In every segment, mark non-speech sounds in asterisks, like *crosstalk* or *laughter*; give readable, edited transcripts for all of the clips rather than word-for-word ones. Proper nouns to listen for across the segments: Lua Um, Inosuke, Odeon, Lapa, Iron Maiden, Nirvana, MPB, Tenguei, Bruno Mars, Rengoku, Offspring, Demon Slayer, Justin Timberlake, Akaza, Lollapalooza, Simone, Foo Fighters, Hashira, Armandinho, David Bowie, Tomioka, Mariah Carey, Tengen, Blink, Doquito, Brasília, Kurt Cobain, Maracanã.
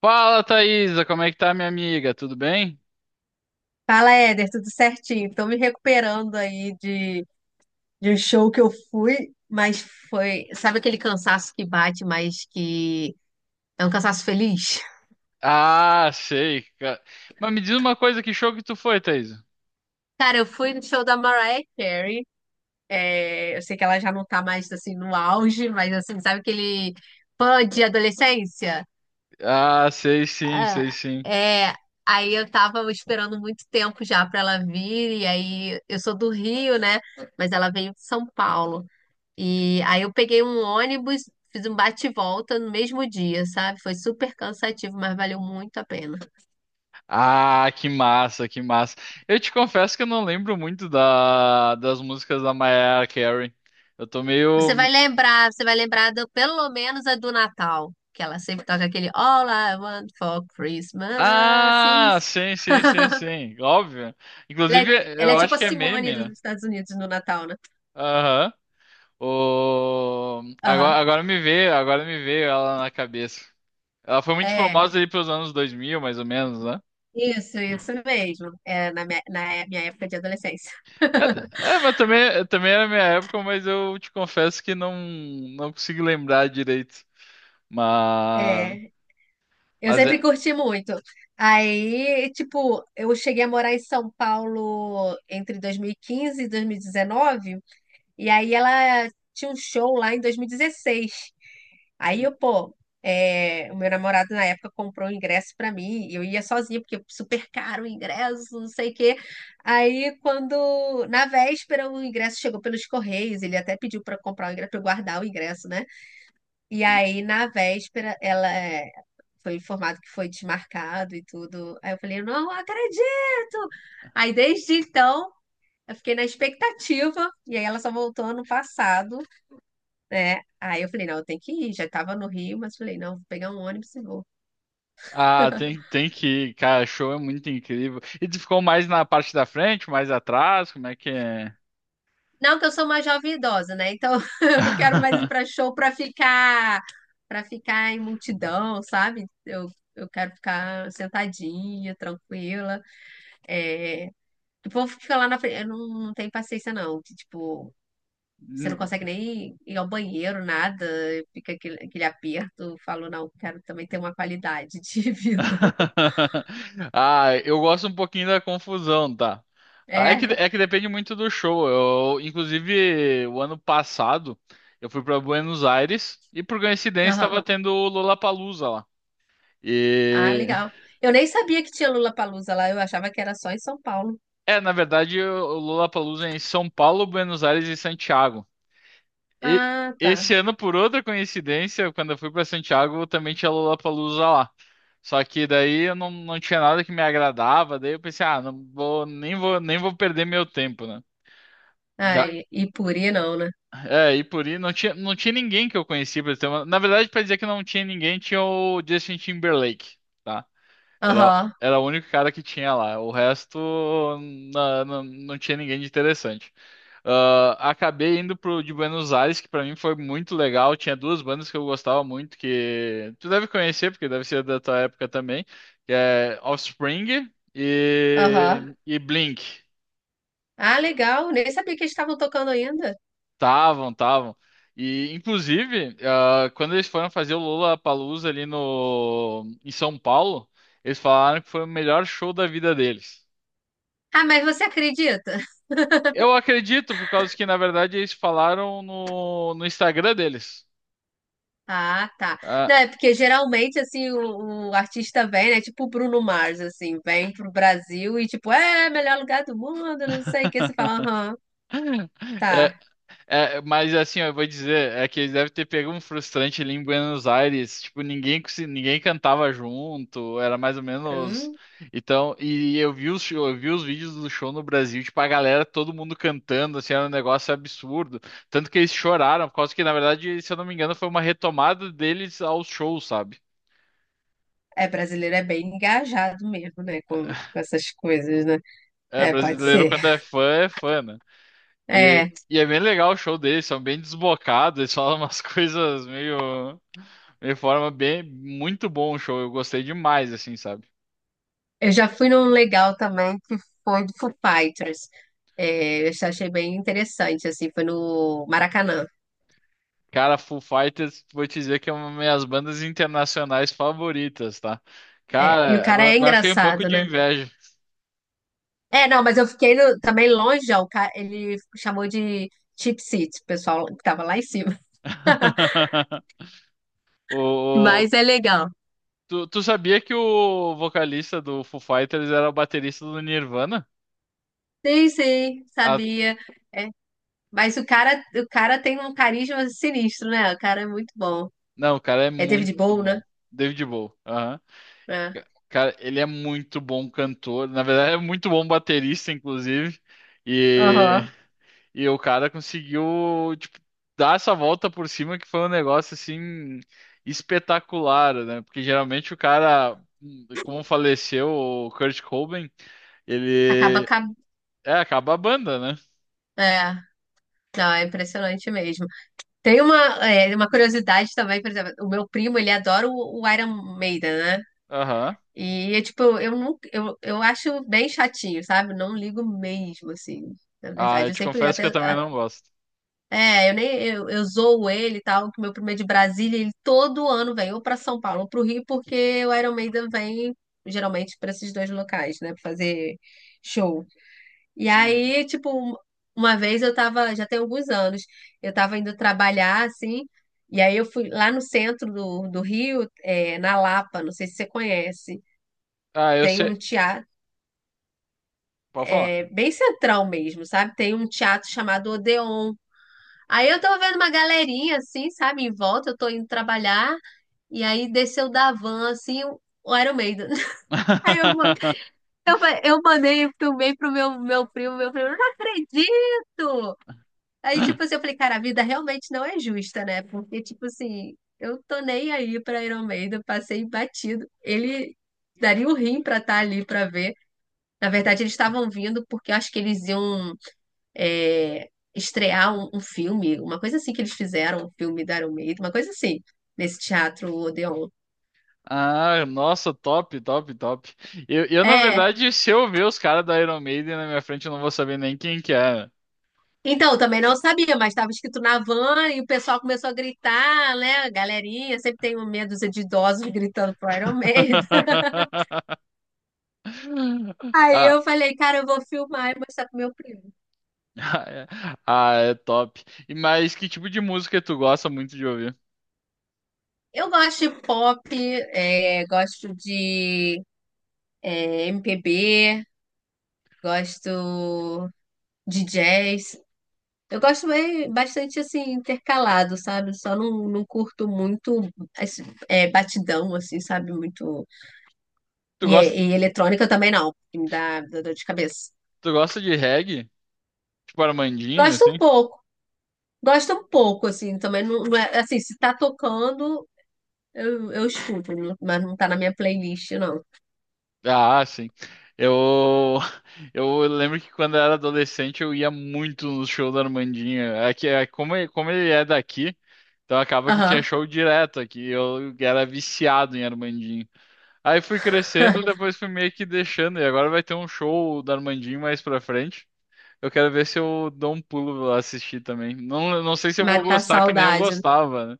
Fala, Thaisa, como é que tá, minha amiga? Tudo bem? Fala, Éder, tudo certinho? Tô me recuperando aí de um show que eu. Mas foi. Sabe aquele cansaço que bate, mas que é um cansaço feliz? Ah, sei, cara. Mas me diz uma coisa, que show que tu foi, Thaisa? *laughs* Cara, eu fui no show da Mariah Carey. É, eu sei que ela já não tá mais assim no auge, mas assim, sabe aquele fã de adolescência? Ah, sei sim, Ah, sei sim. é. Aí eu tava esperando muito tempo já pra ela vir, e aí eu sou do Rio, né? Mas ela veio de São Paulo. E aí eu peguei um ônibus, fiz um bate-volta e volta no mesmo dia, sabe? Foi super cansativo, mas valeu muito a pena. Ah, que massa, que massa. Eu te confesso que eu não lembro muito das músicas da Mariah Carey. Eu tô meio... Você vai lembrar pelo menos a do Natal, que ela sempre toca aquele All I want for Christmas Ah, is... sim, sim, sim, sim, óbvio. Ela é, Inclusive, ela é eu tipo acho a que é Simone meme, dos né? Estados Unidos no Natal, né? Aham. Agora, Aham, agora me veio ela na cabeça. Ela foi muito é. famosa ali pelos anos 2000 mais ou menos, né? Isso mesmo. É, na minha época de adolescência. É, é, mas também era minha época, mas eu te confesso que não consigo lembrar direito. Mas, É. Eu mas sempre é. curti muito. Aí, tipo, eu cheguei a morar em São Paulo entre 2015 e 2019. E aí ela tinha um show lá em 2016. Aí eu, pô, o meu namorado na época comprou o ingresso pra mim, e eu ia sozinha, porque super caro o ingresso, não sei o quê. Aí, quando, na véspera, o ingresso chegou pelos Correios, ele até pediu pra eu comprar o ingresso, pra eu guardar o ingresso, né? E aí, na véspera, foi informado que foi desmarcado e tudo. Aí eu falei, eu não acredito! Aí, desde então, eu fiquei na expectativa. E aí, ela só voltou ano passado, né? Aí eu falei, não, eu tenho que ir. Já estava no Rio, mas falei, não, vou pegar um ônibus e vou. Ah, tem, *laughs* tem que ir, cara, show é muito incrível. E tu ficou mais na parte da frente, mais atrás, como é que é? Não, que eu sou uma jovem idosa, né? Então, *laughs* eu não quero mais ir *laughs* pra show pra ficar, para ficar em multidão, sabe? Eu quero ficar sentadinha, tranquila. É, o povo fica lá na frente. Eu não, não tenho paciência, não. Que, tipo, você não consegue nem ir ao banheiro, nada. Fica aquele aperto. Eu falo, não, quero também ter uma qualidade de *laughs* vida. *laughs* Ah, eu gosto um pouquinho da confusão, tá? Ah, é que, É, é que depende muito do show. Eu, inclusive, o ano passado, eu fui para Buenos Aires e, por coincidência, aham. estava tendo o Lollapalooza lá. Ah, E legal. Eu nem sabia que tinha Lula Lollapalooza lá. Eu achava que era só em São Paulo. Na verdade, o Lollapalooza é em São Paulo, Buenos Aires e Santiago. E- Ah, tá. Esse ano, por outra coincidência, quando eu fui para Santiago, também tinha Lollapalooza lá. Só que daí eu não tinha nada que me agradava, daí eu pensei, ah, não vou, nem vou perder meu tempo, né? Ah, Já. Hum. e Puri não, né? É, e por ir, não tinha ninguém que eu conhecia, pra ter uma... Na verdade, para dizer que não tinha ninguém, tinha o Justin Timberlake, tá? Era, Aham, Era o único cara que tinha lá. O resto não, tinha ninguém de interessante. Ah, acabei indo pro de Buenos Aires, que pra mim foi muito legal. Tinha duas bandas que eu gostava muito, que tu deve conhecer, porque deve ser da tua época também, que é Offspring aham. e Blink. Ah, legal. Nem sabia que eles estavam tocando ainda. Tavam, tavam. E, inclusive, ah, quando eles foram fazer o Lollapalooza ali no, em São Paulo, eles falaram que foi o melhor show da vida deles. Ah, mas você acredita? Eu acredito, por causa que, na verdade, eles falaram no Instagram deles. Ah, tá. Não, Ah, é porque geralmente, assim, o artista vem, né? Tipo o Bruno Mars, assim, vem pro Brasil e, tipo, melhor lugar do mundo, não sei o que. Você fala, aham, *laughs* é, tá. é, mas assim, ó, eu vou dizer, é que eles devem ter pego um frustrante ali em Buenos Aires. Tipo, ninguém cantava junto, era mais ou menos. Hum, Então, e eu vi eu vi os vídeos do show no Brasil, tipo, a galera, todo mundo cantando, assim, era um negócio absurdo. Tanto que eles choraram, por causa que, na verdade, se eu não me engano, foi uma retomada deles aos shows, sabe? é, brasileiro é bem engajado mesmo, né? Com essas coisas, né? É, É, pode brasileiro ser. quando é fã, né? É, E é bem legal o show deles, são bem desbocados, eles falam umas *laughs* coisas meio, meio forma bem, muito bom o show, eu gostei demais, assim, sabe? eu já fui num legal também que foi do Foo Fighters. É, eu achei bem interessante, assim, foi no Maracanã. Cara, Foo Fighters, vou te dizer que é uma das minhas bandas internacionais favoritas, tá? É, e o Cara, cara é agora eu fiquei um pouco engraçado, de né? inveja. É, não, mas eu fiquei também longe, ó, ele chamou de cheap seat, o pessoal que tava lá em cima. *laughs* *laughs* O, o- Mas é legal. Tu, tu sabia que o vocalista do Foo Fighters era o baterista do Nirvana? Sim, sim, Ah, sabia. É, mas o cara tem um carisma sinistro, né? O cara é muito bom. não, o cara é É David muito Bowie, né? bom. David Bowie. É. Ca- Cara, ele é muito bom cantor, na verdade é muito bom baterista, inclusive, e, Aham. e o cara conseguiu, tipo, dar essa volta por cima que foi um negócio, assim, espetacular, né? Porque geralmente o cara, como faleceu o Kurt Cobain, Acaba, ele, é, acaba a banda, né? é, não, é impressionante mesmo. Tem uma curiosidade também, por exemplo, o meu primo, ele adora o Iron Maiden, né? Aham. E é tipo, eu não, eu acho bem chatinho, sabe? Não ligo mesmo, assim. Na Ah, verdade, eu eu te sempre confesso que até, eu também a- não gosto. é, eu nem eu, eu zoo ele e tal, que meu primeiro é de Brasília, ele todo ano vem ou pra São Paulo ou pro Rio, porque o Iron Maiden vem geralmente pra esses dois locais, né, pra fazer show. E Uhum. aí, tipo, uma vez eu tava, já tem alguns anos, eu tava indo trabalhar assim, e aí eu fui lá no centro do Rio, na Lapa, não sei se você conhece Ah, eu tem sei, um teatro. pode falar. É bem central mesmo, sabe? Tem um teatro chamado Odeon. Aí eu tô vendo uma galerinha assim, sabe, em volta, eu tô indo trabalhar, e aí desceu da van assim, o Iron Maiden. *laughs* Aí eu, ma- *laughs* eu, fa- eu mandei filmei pro meu primo, eu não acredito! Aí, tipo assim, eu falei, cara, a vida realmente não é justa, né? Porque, tipo assim, eu tô nem aí pra Iron Maiden, passei batido. Ele daria o rim pra estar ali pra ver. Na verdade, eles estavam vindo porque eu acho que eles iam é, estrear um filme, uma coisa assim que eles fizeram, um filme da Iron Maiden, uma coisa assim, nesse teatro Odeon. Ah, nossa, top, top, top. Eu, na É. verdade, se eu ver os caras da Iron Maiden na minha frente, eu não vou saber nem quem que é. Então, eu também não sabia, mas estava escrito na van e o pessoal começou a gritar, né? A galerinha, sempre tem um medo de idosos gritando pro Iron Maiden. *laughs* *laughs* Aí Ah, eu falei, cara, eu vou filmar e mostrar pro meu primo. ah, é, ah, é top. E mas que tipo de música tu gosta muito de ouvir? Eu gosto de pop, gosto de MPB, gosto de jazz. Eu gosto bastante assim, intercalado, sabe? Só não, não curto muito esse, batidão, assim, sabe? Muito. Tu E, é- gosta, e eletrônica também não, que me dá dor de cabeça. tu gosta de reggae? Tipo Armandinho, Gosto um assim? pouco, gosto um pouco, assim, também não, não é assim, se tá tocando, eu escuto, mas não tá na minha playlist, não. Ah, sim. Eu, *laughs* eu lembro que quando eu era adolescente eu ia muito no show da Armandinha. É que é, como, como ele é daqui, então acaba que tinha Aham. show direto aqui. Eu era viciado em Armandinho. Aí fui crescendo, depois fui meio que deixando. E agora vai ter um show da Armandinho mais pra frente. Eu quero ver se eu dou um pulo lá assistir também. Não sei se eu vou Matar a gostar que nem eu saudade. gostava, né?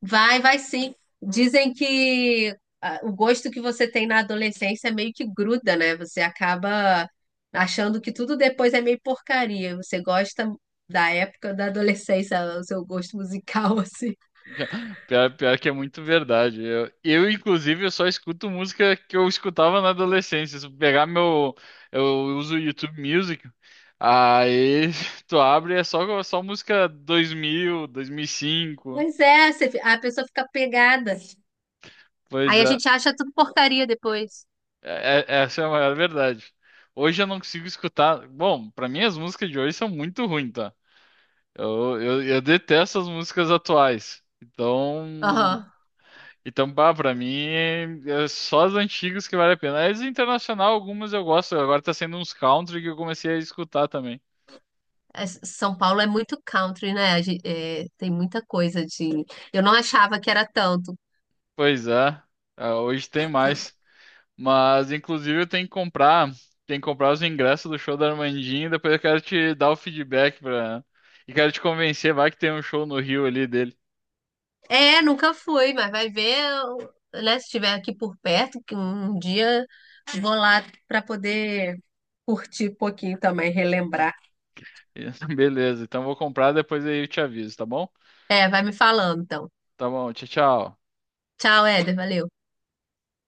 Vai, vai sim. Dizem que o gosto que você tem na adolescência meio que gruda, né? Você acaba achando que tudo depois é meio porcaria. Você gosta da época da adolescência, *laughs* o seu gosto musical, *laughs* assim. Pior, pior que é muito verdade. Inclusive, eu só escuto música que eu escutava na adolescência. Se eu pegar meu. Eu uso o YouTube Music. Aí *laughs* tu abre e é só música 2000, 2005. Mas é, você a pessoa fica pegada. Pois Aí a é, gente acha tudo porcaria depois. Essa é a maior verdade. Hoje eu não consigo escutar. Bom, pra mim as músicas de hoje são muito ruins, tá? Eu detesto as músicas atuais. Então. Aham. Então, bah, pra mim, é só as antigas que vale a pena. As internacional, algumas eu gosto. Agora tá sendo uns country que eu comecei a escutar também. É, São Paulo é muito country, né? É, tem muita coisa de. Eu não achava que era tanto. Pois é, ah, hoje tem mais. Mas, inclusive, eu tenho que comprar os ingressos do show da Armandinha. E depois eu quero te dar o feedback pra... E quero te convencer, vai que tem um show no Rio ali dele. É, nunca fui, mas vai ver, né? Se estiver aqui por perto, que um dia vou lá para poder curtir um pouquinho também, relembrar. *laughs* Beleza, então vou comprar, depois aí eu te aviso, tá bom? É, vai me falando então. Tá bom, tchau, tchau. Tchau, Éder, valeu.